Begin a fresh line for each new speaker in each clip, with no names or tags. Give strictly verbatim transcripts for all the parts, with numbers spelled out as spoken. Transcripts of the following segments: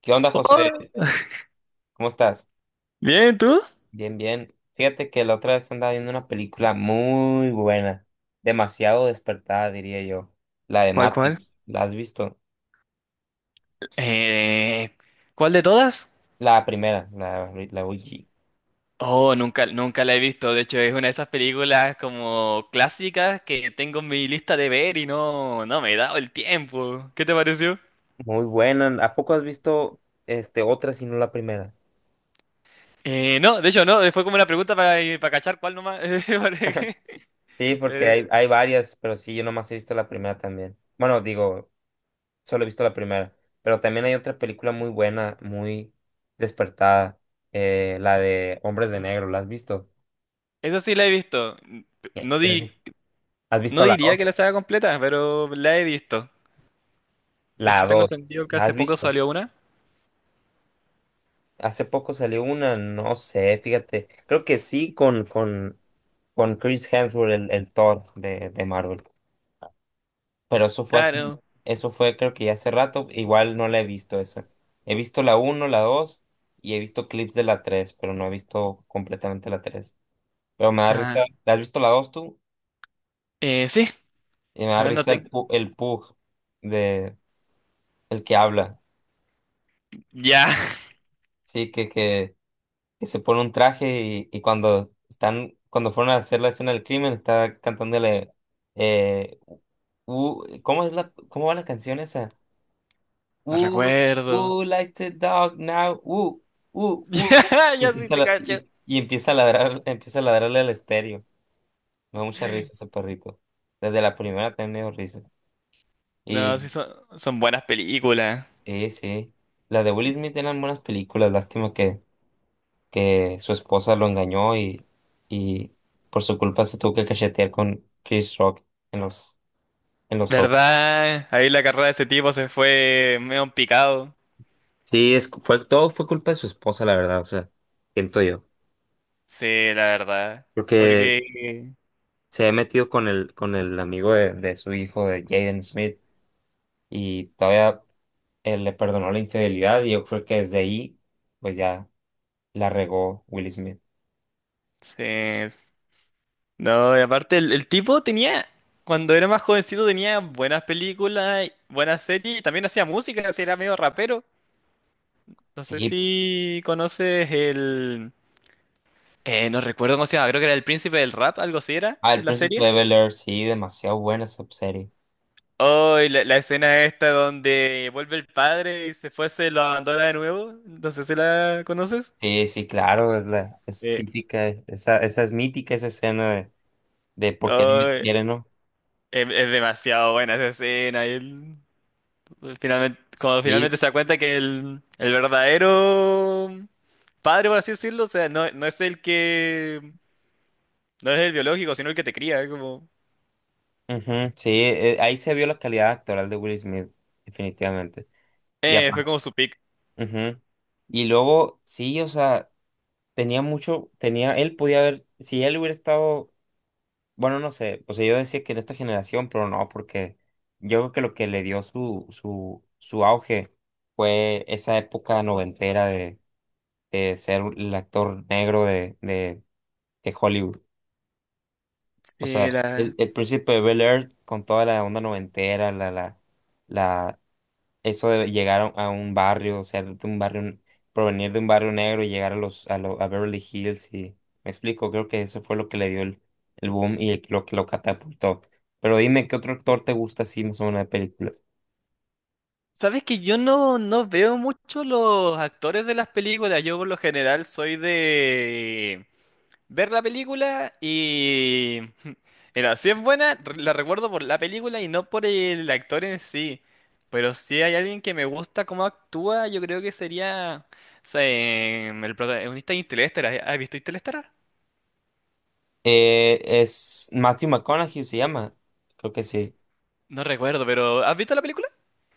¿Qué onda, José?
Oh,
¿Cómo estás?
bien, ¿tú?
Bien, bien. Fíjate que la otra vez andaba viendo una película muy buena, demasiado despertada, diría yo. La de
¿Cuál, cuál?
Matrix, ¿la has visto?
Eh, ¿cuál de todas?
La primera, la, la O G.
Oh, nunca, nunca la he visto. De hecho, es una de esas películas como clásicas que tengo en mi lista de ver y no, no me he dado el tiempo. ¿Qué te pareció?
Muy buena. ¿A poco has visto este, otra si no la primera?
Eh, no, de hecho, no. eh, Fue como una pregunta para, eh, para cachar cuál nomás. Porque,
Sí, porque
eh,
hay, hay varias, pero sí, yo nomás he visto la primera también. Bueno, digo, solo he visto la primera, pero también hay otra película muy buena, muy despertada, eh, la de Hombres de Negro, ¿la has visto?
Esa sí la he visto. No, di,
¿Quieres ¿Has
no
visto la
diría que
dos,
la saga completa, pero la he visto. De
La
hecho, tengo
dos,
entendido que
¿la has
hace poco
visto?
salió una.
Hace poco salió una, no sé, fíjate. Creo que sí con, con, con Chris Hemsworth, el, el Thor de, de Marvel. Pero eso fue así,
Claro.
eso fue creo que ya hace rato, igual no la he visto esa. He visto la uno, la dos y he visto clips de la tres, pero no he visto completamente la tres. Pero me da risa,
Ah,
¿la has visto la dos tú?
eh, sí.
Y me da
No
risa el,
tengo.
pu- el Pug de el que habla.
Ya,
Sí, que, que que se pone un traje y, y cuando están, cuando fueron a hacer la escena del crimen, está cantándole, eh, "Who- ¿cómo es la, cómo va la canción esa?
no
Who,
recuerdo.
who likes the dog now? Who, who, who, who".
Ya,
Y
ya sí
empieza a,
te
la- y,
caché.
y empieza a ladrar, empieza a ladrarle al estéreo. Me da mucha risa ese perrito. Desde la primera también me dio risa.
No,
Y
sí son, son buenas películas.
sí, sí. Las de Will Smith eran buenas películas, lástima que que su esposa lo engañó y, y por su culpa se tuvo que cachetear con Chris Rock en los, en los Oscars.
¿Verdad? Ahí la carrera de ese tipo se fue medio en picado.
Sí, es, fue, todo fue culpa de su esposa, la verdad, o sea, siento yo.
Sí, la verdad.
Porque
Porque...
se ha metido con el, con el amigo de, de su hijo, de Jaden Smith, y todavía él le perdonó la infidelidad y yo creo que desde ahí, pues ya la regó Will Smith.
Sí. No, y aparte el, el tipo tenía... Cuando era más jovencito tenía buenas películas, buenas series y también hacía música, así era medio rapero. No sé
Sí,
si conoces el... eh, No recuerdo cómo se llama, creo que era el príncipe del rap, algo así era, en
al
la
Príncipe
serie.
de Bel-Air, sí, demasiado buena esa serie.
Oh, y la, la escena esta donde vuelve el padre y se fue, se lo abandona de nuevo. No sé si la conoces.
Sí, sí, claro, es, la, es
Eh,
típica, e, esa, esa es mítica, esa escena de, de por qué no me
Oh, es,
quieren, ¿no?
es demasiado buena esa escena. Y él, pues, finalmente, cuando finalmente
Y,
se da cuenta que el, el verdadero padre, por así decirlo, o sea, no, no es el que, no es el biológico, sino el que te cría. Como,
ujú, sí, eh, ahí se vio la calidad actoral de Will Smith, definitivamente. Y
eh, fue
aparte,
como su pick.
ujú. Y luego, sí, o sea, tenía mucho, tenía, él podía haber, si él hubiera estado, bueno, no sé, o sea, yo decía que en esta generación, pero no, porque yo creo que lo que le dio su, su, su auge fue esa época noventera de de ser el actor negro de, de que Hollywood. O sea,
Sí,
el,
la...
el Príncipe de Bel-Air con toda la onda noventera, la, la, la, eso de llegar a un a un barrio, o sea, de un barrio, provenir de un barrio negro y llegar a los, a, lo- a Beverly Hills y, me explico, creo que eso fue lo que le dio el, el boom y el- lo que lo catapultó. Pero dime, ¿qué otro actor te gusta así más o menos de películas?
Sabes que yo no, no veo mucho los actores de las películas. Yo por lo general soy de ver la película y... Mira, si es buena, re- la recuerdo por la película y no por el actor en sí. Pero si hay alguien que me gusta cómo actúa, yo creo que sería o sea, em, el protagonista de Interestelar. ¿Has visto Interestelar?
Eh, es Matthew McConaughey se llama, creo que sí.
No recuerdo, pero ¿has visto la película?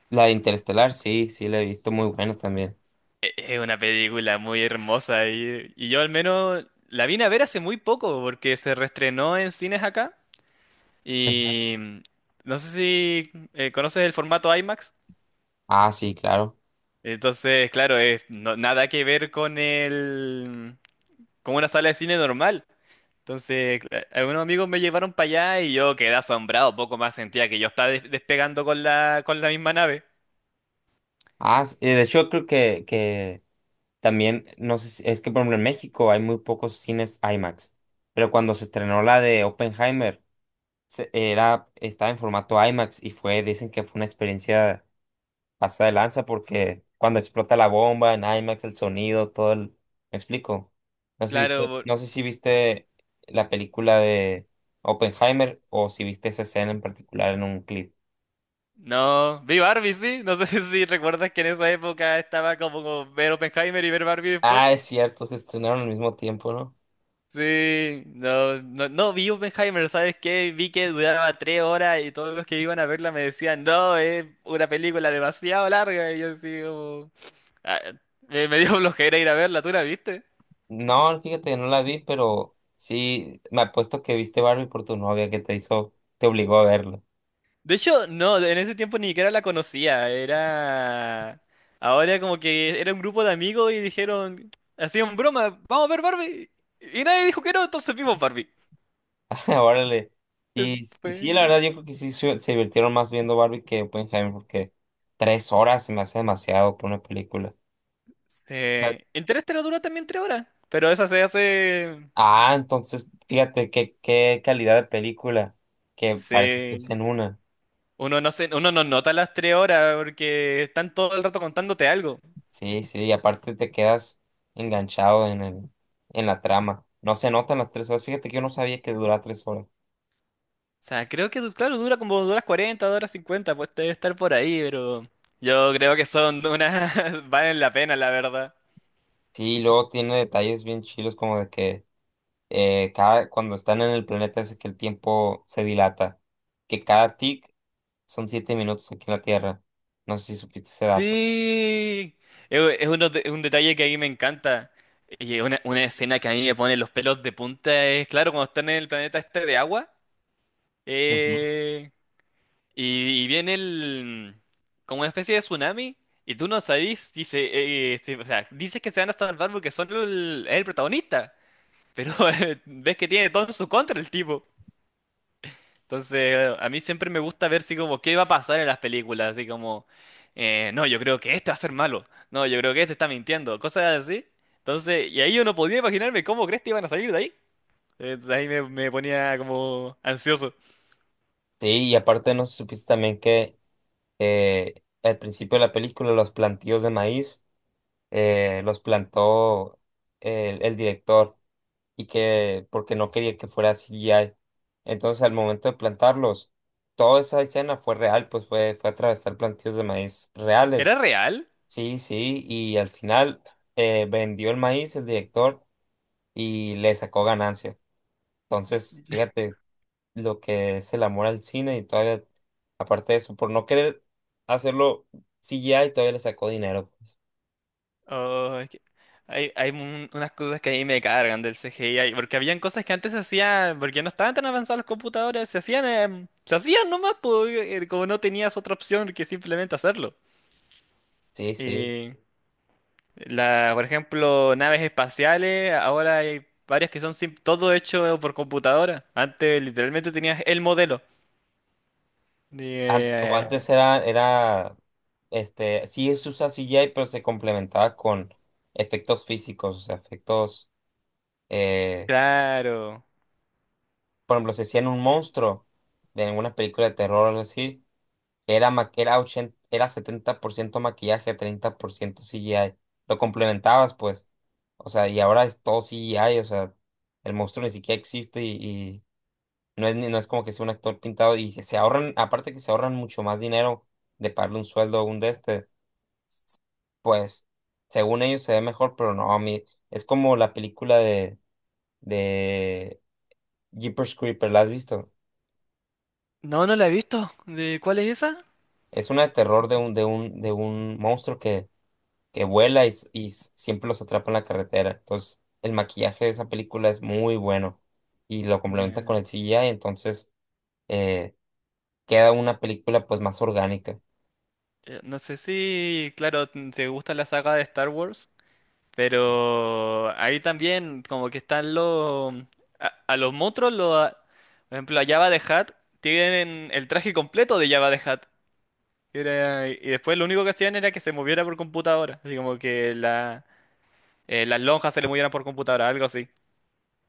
La de Interestelar, sí, sí, la he visto muy buena también.
E- Es una película muy hermosa y, y yo al menos la vine a ver hace muy poco porque se reestrenó en cines acá
Ujú.
y mm, no sé si eh, conoces el formato IMAX.
Ah, sí, claro.
Entonces, claro, es no- nada que ver con el con una sala de cine normal. Entonces, cla- algunos amigos me llevaron para allá y yo quedé asombrado, poco más sentía que yo estaba des- despegando con la con la misma nave.
Ah, s- eh, de hecho creo que, que también, no sé si- es que por ejemplo en México hay muy pocos cines IMAX, pero cuando se estrenó la de Oppenheimer, se- era, estaba en formato IMAX y fue, dicen que fue una experiencia pasada de lanza porque cuando explota la bomba en IMAX, el sonido, todo el. ¿Me explico? No sé si
Claro,
viste,
por-
no sé si viste la película de Oppenheimer o si viste esa escena en particular en un clip.
no, vi Barbie, sí, no sé si recuerdas que en esa época estaba como como ver Oppenheimer y ver Barbie después.
Ah, es cierto, se estrenaron al mismo tiempo, ¿no?
Sí, no, no, no vi Oppenheimer, ¿sabes qué? Vi que duraba tres horas y todos los que iban a verla me decían, no, es una película demasiado larga. Y yo así como, Ah, me, me dio flojera ir a verla, ¿tú la viste?
No, fíjate, no la vi, pero sí, me apuesto que viste Barbie por tu novia que te hizo, te obligó a verlo.
De hecho, no, en ese tiempo ni siquiera la conocía, era... Ahora como que era un grupo de amigos y dijeron, hacían broma, vamos a ver Barbie. Y nadie dijo que no, entonces vimos Barbie.
Órale.
Eh,
Y, s- y sí, la
Pues...
verdad, yo creo que sí se, se divirtieron más viendo Barbie que Oppenheimer, porque tres horas se me hace demasiado por una película. Ah,
Eh, Interestelar dura también tres horas, pero esa se hace...
Ah, entonces, fíjate qué, qué calidad de película, que parece que es
Sí.
en una.
Uno no se, uno no nota las tres horas porque están todo el rato contándote algo.
Sí, sí, y aparte te quedas enganchado en el, en la trama. No se notan las tres horas. Fíjate que yo no sabía que duraba tres horas.
O sea, creo que, claro, dura como dos horas cuarenta 40, horas cincuenta pues debe estar por ahí, pero yo creo que son unas... valen la pena, la verdad.
Sí, y luego tiene detalles bien chilos como de que eh, cada, cuando están en el planeta es que el tiempo se dilata, que cada tic son siete minutos aquí en la Tierra. No sé si supiste ese dato.
Sí, es, es uno de- un detalle que a mí me encanta. Y es una, una escena que a mí me pone los pelos de punta es, claro, cuando están en el planeta este de agua
Ujú.
eh, y, y viene el, como una especie de tsunami y tú no sabes dice, eh, este, o sea, dices que se van a salvar porque son el, el protagonista. Pero eh, ves que tiene todo en su contra el tipo. Entonces, a mí siempre me gusta ver si como qué va a pasar en las películas, así como, eh, no, yo creo que este va a ser malo, no, yo creo que este está mintiendo, cosas así. Entonces, y ahí yo no podía imaginarme cómo crees que iban a salir de ahí. Entonces ahí me, me ponía como ansioso.
Sí, y aparte no sé si supiste también que eh, al principio de la película los plantíos de maíz eh, los plantó el, el director y que porque no quería que fuera C G I. Entonces, al momento de plantarlos, toda esa escena fue real, pues fue, fue atravesar plantíos de maíz
¿Era
reales.
real?
Sí, sí, y al final eh, vendió el maíz el director y le sacó ganancia. Entonces, fíjate lo que es el amor al cine y todavía, aparte de eso, por no querer hacerlo C G I, todavía le sacó dinero, pues.
Oh, es que hay, hay un- unas cosas que a mí me cargan del C G I, porque habían cosas que antes se hacían, porque no estaban tan avanzados los computadores, se hacían, em, se hacían nomás, po, eh, eh, como no tenías otra opción que simplemente hacerlo.
Sí, sí.
Y la, por ejemplo, naves espaciales, ahora hay varias que son sim- todo hecho por computadora. Antes literalmente tenías el modelo. Y,
An- o
eh,
Antes era, era, este, sí se usa C G I, pero se complementaba con efectos físicos, o sea, efectos, eh,
claro.
por ejemplo, se hacían un monstruo de alguna película de terror o algo así, era, ma- era, ochenta, era setenta por ciento maquillaje, treinta por ciento C G I, lo complementabas, pues, o sea, y ahora es todo C G I, o sea, el monstruo ni siquiera existe y, y no es, ni- no es como que sea un actor pintado y se ahorran, aparte que se ahorran mucho más dinero de pagarle un sueldo a un de este. Pues según ellos se ve mejor, pero no, a mí es como la película de de Jeepers Creepers, ¿la has visto?
No, no la he visto. ¿De cuál es esa?
Es una de terror de un de un de un monstruo que que vuela y, s- y s- siempre los atrapa en la carretera. Entonces, el maquillaje de esa película es muy bueno y lo complementa con el C G I, entonces eh, queda una película pues más orgánica.
Eh, No sé si, claro, t- te gusta la saga de Star Wars, pero ahí también como que están los... mm, A, a los monstruos, lo, a- por ejemplo, a Jabba the Hutt, tienen el traje completo de Jabba the Hutt. Era- y después lo único que hacían era que se moviera por computadora, así como que la, eh, las lonjas se le movieran por computadora, algo así.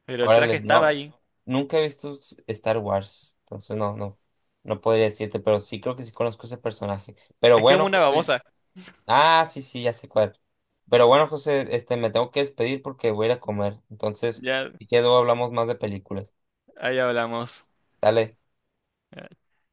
Pero el traje
Órale, no,
estaba ahí.
nunca he visto s- Star Wars, entonces no, no, no podría decirte, pero sí creo que sí conozco ese personaje. Pero
Es que es
bueno,
como una
pues.
babosa.
Ah, sí, sí, ya sé cuál. Pero bueno, José, este, me tengo que despedir porque voy a ir a comer. Entonces,
Ya,
si quedo, hablamos más de películas.
ahí hablamos.
Dale.